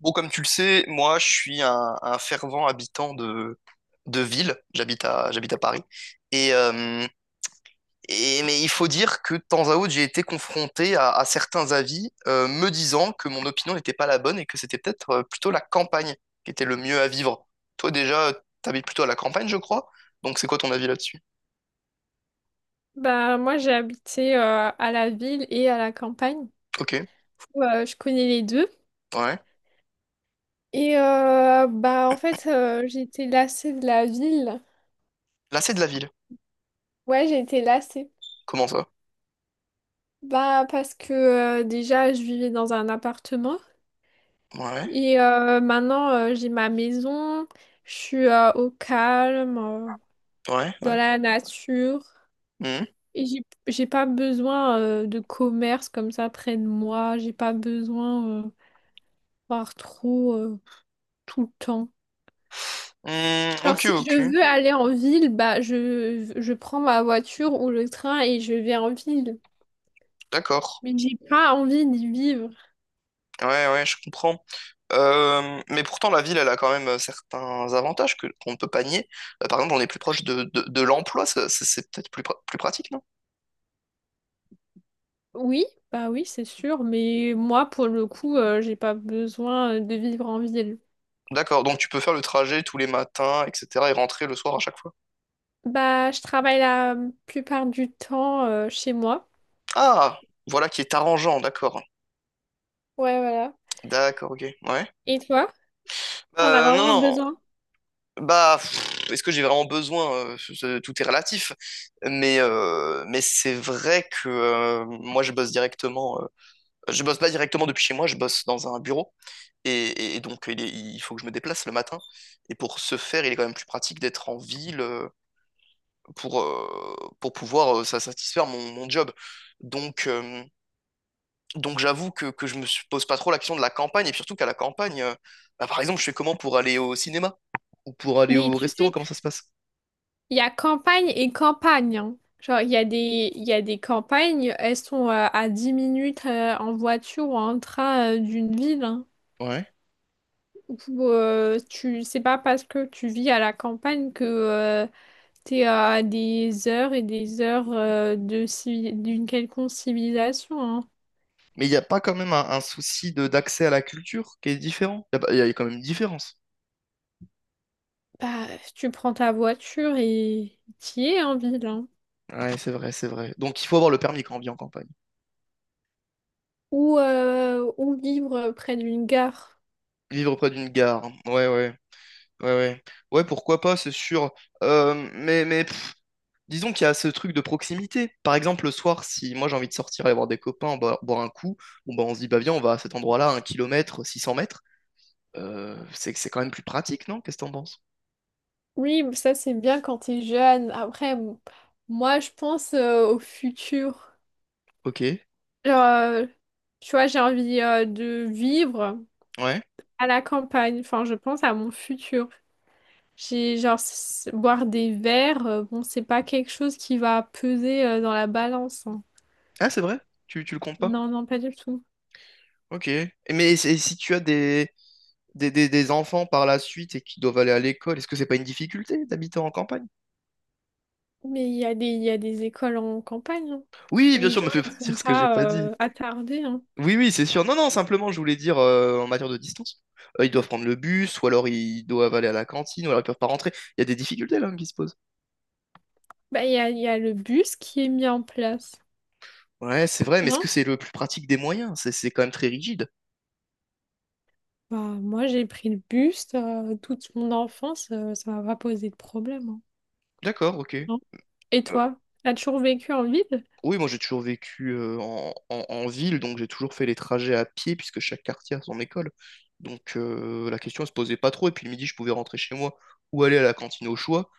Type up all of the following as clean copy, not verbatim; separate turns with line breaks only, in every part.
Bon, comme tu le sais, moi, je suis un fervent habitant de ville. J'habite à Paris. Et, euh, mais il faut dire que de temps à autre, j'ai été confronté à certains avis me disant que mon opinion n'était pas la bonne et que c'était peut-être plutôt la campagne qui était le mieux à vivre. Toi, déjà, t'habites plutôt à la campagne, je crois. Donc, c'est quoi ton avis là-dessus?
Bah, moi, j'ai habité à la ville et à la campagne.
Ok,
Je connais les deux.
ouais.
J'ai été lassée de la ville.
Là, c'est de la ville.
Ouais, j'ai été lassée.
Comment ça?
Bah, parce que déjà, je vivais dans un appartement.
Ouais,
J'ai ma maison. Je suis au calme,
ouais,
dans
ouais.
la nature.
Hmm.
Et j'ai pas besoin de commerce comme ça près de moi. J'ai pas besoin voir trop tout le temps.
Hmm,
Genre,
ok,
si je
ok.
veux aller en ville, bah, je prends ma voiture ou le train et je vais en ville.
D'accord.
Mais j'ai pas envie d'y vivre.
Ouais, ouais, je comprends. Mais pourtant, la ville, elle a quand même certains avantages que qu'on ne peut pas nier. Par exemple, on est plus proche de l'emploi, c'est peut-être plus pratique, non?
Oui, bah oui, c'est sûr, mais moi, pour le coup, j'ai pas besoin de vivre en ville.
D'accord, donc tu peux faire le trajet tous les matins, etc., et rentrer le soir à chaque fois.
Bah, je travaille la plupart du temps, chez moi.
Ah, voilà qui est arrangeant, d'accord.
Ouais, voilà.
D'accord, ok, ouais.
Et toi? T'en as
Non,
vraiment
non,
besoin?
bah, pff, est-ce que j'ai vraiment besoin? Tout est relatif. Mais c'est vrai que moi, je bosse directement. Je bosse pas directement depuis chez moi, je bosse dans un bureau. Et donc, il faut que je me déplace le matin. Et pour ce faire, il est quand même plus pratique d'être en ville pour pouvoir ça satisfaire mon job. Donc, euh, donc j'avoue que je pose pas trop la question de la campagne. Et surtout qu'à la campagne, bah, par exemple, je fais comment pour aller au cinéma ou pour aller
Mais
au
tu
restaurant?
sais,
Comment ça se passe?
il y a campagne et campagne, hein. Genre, il y a il y a des campagnes, elles sont à 10 minutes en voiture ou en train d'une ville, hein.
Ouais.
C'est pas parce que tu vis à la campagne que t'es à des heures et des heures de d'une quelconque civilisation, hein.
Mais il n'y a pas quand même un souci de d'accès à la culture qui est différent? Il y, a pas- Il y a quand même une différence.
Bah, tu prends ta voiture et t'y es en ville, hein.
Ouais, c'est vrai, c'est vrai. Donc, il faut avoir le permis quand on vit en campagne.
Ou vivre près d'une gare.
Vivre près d'une gare. Ouais, ouais. Ouais, ouais. Ouais, pourquoi pas, c'est sûr. Mais pff, disons qu'il y a ce truc de proximité. Par exemple, le soir, si moi j'ai envie de sortir aller voir des copains, boire un coup, bon, bah, on se dit, bah viens, on va à cet endroit-là, un kilomètre, 600 mètres. C'est quand même plus pratique, non? Qu'est-ce que t'en penses?
Oui, ça c'est bien quand t'es jeune. Après, moi je pense au futur.
Ok.
Genre, euh, tu vois, j'ai envie de vivre
Ouais.
à la campagne. Enfin, je pense à mon futur. J'ai boire des verres. Bon, c'est pas quelque chose qui va peser dans la balance, hein.
Ah, c'est vrai? Tu le comptes pas?
Non, non, pas du tout.
Ok. Et mais c'est- si tu as des enfants par la suite et qui doivent aller à l'école, est-ce que c'est pas une difficulté d'habiter en campagne?
Mais il y a il y a des écoles en campagne, hein.
Oui, bien
Les
sûr,
gens,
me fais pas
ils sont
dire ce que j'ai
pas
pas dit.
attardés, hein.
Oui, oui, c'est sûr. Non, non, simplement, je voulais dire en matière de distance, ils doivent prendre le bus, ou alors ils doivent aller à la cantine, ou alors ils peuvent pas rentrer. Il y a des difficultés là qui se posent.
Bah, il y a le bus qui est mis en place.
Ouais, c'est vrai, mais est-ce
Non?
que c'est le plus pratique des moyens? C'est quand même très rigide.
Bah, moi, j'ai pris le bus toute mon enfance, ça m'a pas posé de problème, hein.
D'accord, ok.
Non. Et toi, t'as toujours vécu en ville?
Oui, moi j'ai toujours vécu en, en ville, donc j'ai toujours fait les trajets à pied, puisque chaque quartier a son école. Donc la question ne se posait pas trop, et puis le midi je pouvais rentrer chez moi ou aller à la cantine au choix.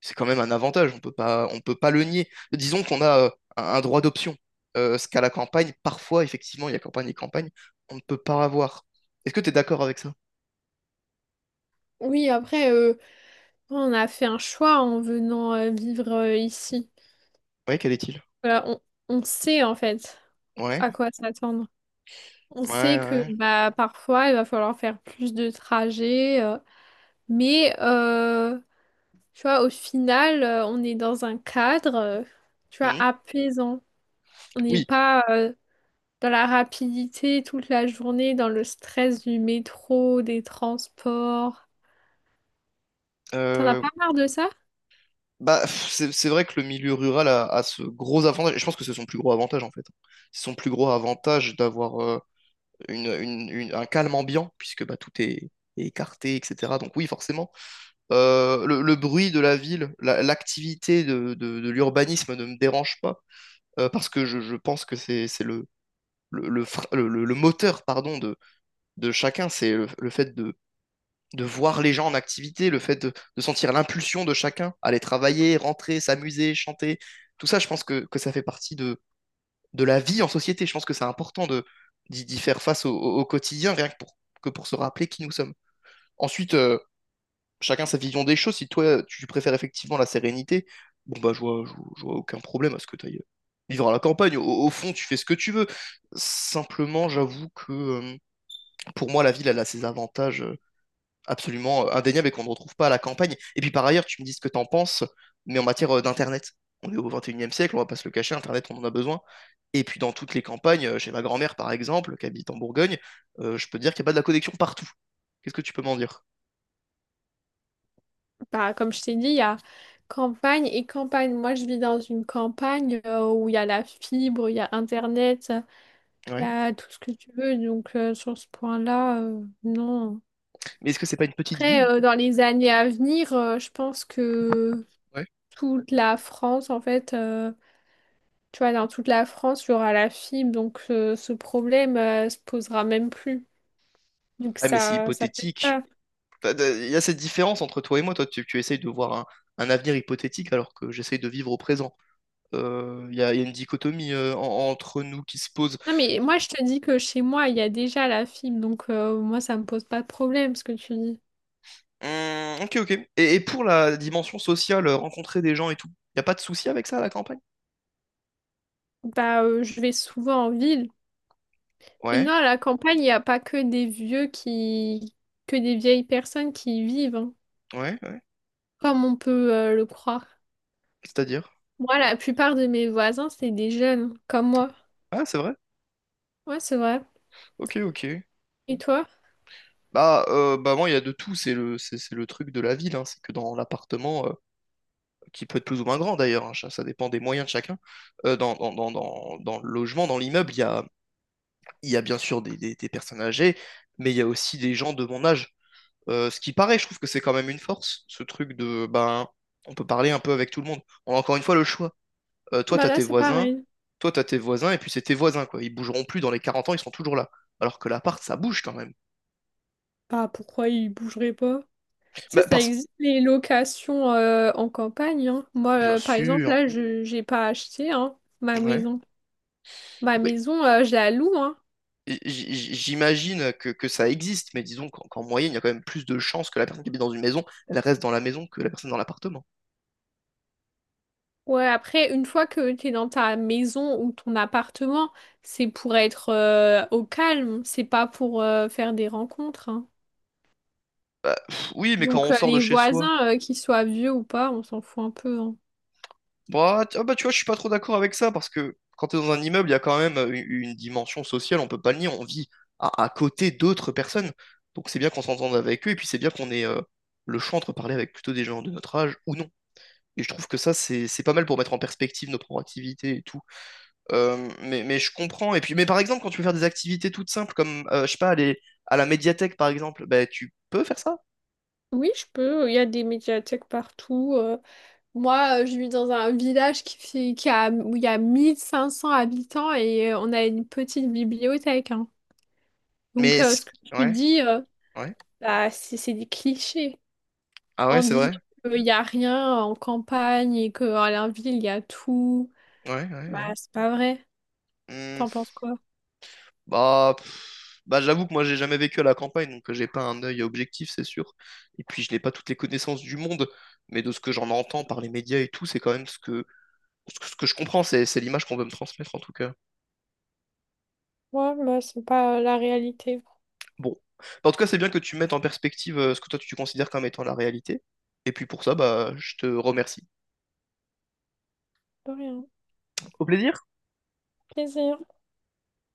C'est quand même un avantage, on peut pas le nier. Disons qu'on a un droit d'option, ce qu'à la campagne, parfois, effectivement, il y a campagne et campagne, on ne peut pas avoir. Est-ce que tu es d'accord avec ça?
Oui, on a fait un choix en venant vivre ici.
Oui, quel est-il?
Voilà, on sait en fait
Ouais,
à quoi s'attendre. On
ouais,
sait que
ouais.
bah, parfois il va falloir faire plus de trajets, mais tu vois, au final, on est dans un cadre, tu vois,
Hmm.
apaisant. On n'est
Oui,
pas dans la rapidité toute la journée, dans le stress du métro, des transports. T'en as
euh,
pas marre de ça?
bah, pff, c'est vrai que le milieu rural a ce gros avantage, et je pense que c'est son plus gros avantage en fait. C'est son plus gros avantage d'avoir un calme ambiant, puisque bah, est écarté, etc. Donc oui, forcément. Le bruit de la ville, l'activité de l'urbanisme ne me dérange pas, parce que je pense que c'est le, fre- le moteur pardon, de chacun, c'est le fait de voir les gens en activité, le fait de sentir l'impulsion de chacun, aller travailler, rentrer, s'amuser, chanter, tout ça, je pense que ça fait partie de la vie en société. Je pense que c'est important d'y faire face au quotidien, rien que pour, que pour se rappeler qui nous sommes. Ensuite, chacun sa vision des choses. Si toi, tu préfères effectivement la sérénité, bon, bah, je vois aucun problème à ce que tu ailles vivre à la campagne. Au fond, tu fais ce que tu veux. Simplement, j'avoue que pour moi, la ville, elle a ses avantages absolument indéniable et qu'on ne retrouve pas à la campagne. Et puis par ailleurs, tu me dis ce que tu en penses, mais en matière d'Internet, on est au 21e siècle, on va pas se le cacher, Internet, on en a besoin. Et puis dans toutes les campagnes, chez ma grand-mère par exemple, qui habite en Bourgogne, je peux te dire qu'il n'y a pas de la connexion partout. Qu'est-ce que tu peux m'en dire?
Bah, comme je t'ai dit, il y a campagne et campagne. Moi, je vis dans une campagne où il y a la fibre, il y a Internet, il y
Ouais.
a tout ce que tu veux. Donc, sur ce point-là, non.
Mais est-ce que c'est pas une petite
Après,
ville?
dans les années à venir, je pense que
Ouais.
toute la France, en fait, tu vois, dans toute la France, il y aura la fibre, donc ce problème, se posera même plus. Donc
Ah, mais c'est
ça peut
hypothétique.
pas.
Enfin, de- il y a cette différence entre toi et moi. Toi, tu essayes de voir un avenir hypothétique alors que j'essaye de vivre au présent. Il y a une dichotomie entre nous qui se pose.
Non mais moi je te dis que chez moi il y a déjà la fibre, donc moi ça me pose pas de problème ce que tu dis.
Ok, ok. Et pour la dimension sociale, rencontrer des gens et tout, y a pas de souci avec ça à la campagne?
Bah, je vais souvent en ville. Et
Ouais,
non, à la campagne, il n'y a pas que que des vieilles personnes qui y vivent, hein,
ouais, ouais.
comme on peut le croire.
C'est-à-dire?
Moi, la plupart de mes voisins, c'est des jeunes, comme moi.
Ah, c'est vrai?
Ouais, c'est vrai.
Ok, ok.
Et toi?
Bah, bah moi, il y a de tout, c'est c'est le truc de la ville, hein. C'est que dans l'appartement, qui peut être plus ou moins grand d'ailleurs, hein, ça dépend des moyens de chacun, dans le logement, dans l'immeuble, il y a bien sûr des personnes âgées, mais il y a aussi des gens de mon âge. Ce qui paraît, je trouve que c'est quand même une force, ce truc de, ben, on peut parler un peu avec tout le monde. On a encore une fois le choix. Euh, toi,
Bah
t'as
là,
tes
c'est
voisins,
pareil.
Toi, t'as tes voisins, et puis c'est tes voisins, quoi. Ils bougeront plus dans les 40 ans, ils sont toujours là. Alors que l'appart, ça bouge quand même.
Bah pourquoi ils bougeraient pas? Tu sais,
Bah,
ça
parce...
existe les locations en campagne, hein. Moi,
Bien
par exemple,
sûr,
là, je j'ai pas acheté, hein, ma
ouais.
maison. Ma
Oui.
maison, je la loue, hein.
J'imagine que ça existe, mais disons qu'en moyenne, il y a quand même plus de chances que la personne qui habite dans une maison, elle reste dans la maison que la personne dans l'appartement.
Ouais, après, une fois que t'es dans ta maison ou ton appartement, c'est pour être au calme. C'est pas pour faire des rencontres, hein.
Bah, pff, oui, mais quand
Donc,
on sort de
les
chez soi,
voisins, qu'ils soient vieux ou pas, on s'en fout un peu, hein.
bah, ah bah, tu vois, je suis pas trop d'accord avec ça parce que quand tu es dans un immeuble, il y a quand même une dimension sociale, on peut pas le nier, on vit à côté d'autres personnes. Donc c'est bien qu'on s'entende avec eux et puis c'est bien qu'on ait le choix entre parler avec plutôt des gens de notre âge ou non. Et je trouve que ça, c'est pas mal pour mettre en perspective nos propres activités et tout. Mais je comprends. Et puis, mais par exemple, quand tu veux faire des activités toutes simples, comme, je sais pas, aller à la médiathèque, par exemple, bah, tu peux faire ça.
Oui, je peux. Il y a des médiathèques partout. Moi, je vis dans un village qui fait, qui a, où il y a 1 500 habitants et on a une petite bibliothèque, hein. Donc,
Mais, c-
ce que tu
ouais,
dis,
ouais.
bah, c'est des clichés.
Ah ouais,
En
c'est
disant
vrai.
qu'il n'y a rien en campagne et qu'à la ville, il y a tout,
Ouais, ouais,
bah,
ouais.
c'est pas vrai.
Mmh.
T'en penses quoi?
Bah, pff, bah j'avoue que moi j'ai jamais vécu à la campagne, donc j'ai pas un œil objectif, c'est sûr. Et puis je n'ai pas toutes les connaissances du monde, mais de ce que j'en entends par les médias et tout, c'est quand même ce que je comprends, c'est l'image qu'on veut me transmettre en tout cas.
Moi, moi, c'est pas la réalité.
Bon. Bah, en tout cas, c'est bien que tu mettes en perspective ce que toi tu considères comme étant la réalité. Et puis pour ça, bah, je te remercie.
De rien.
Au plaisir.
Plaisir.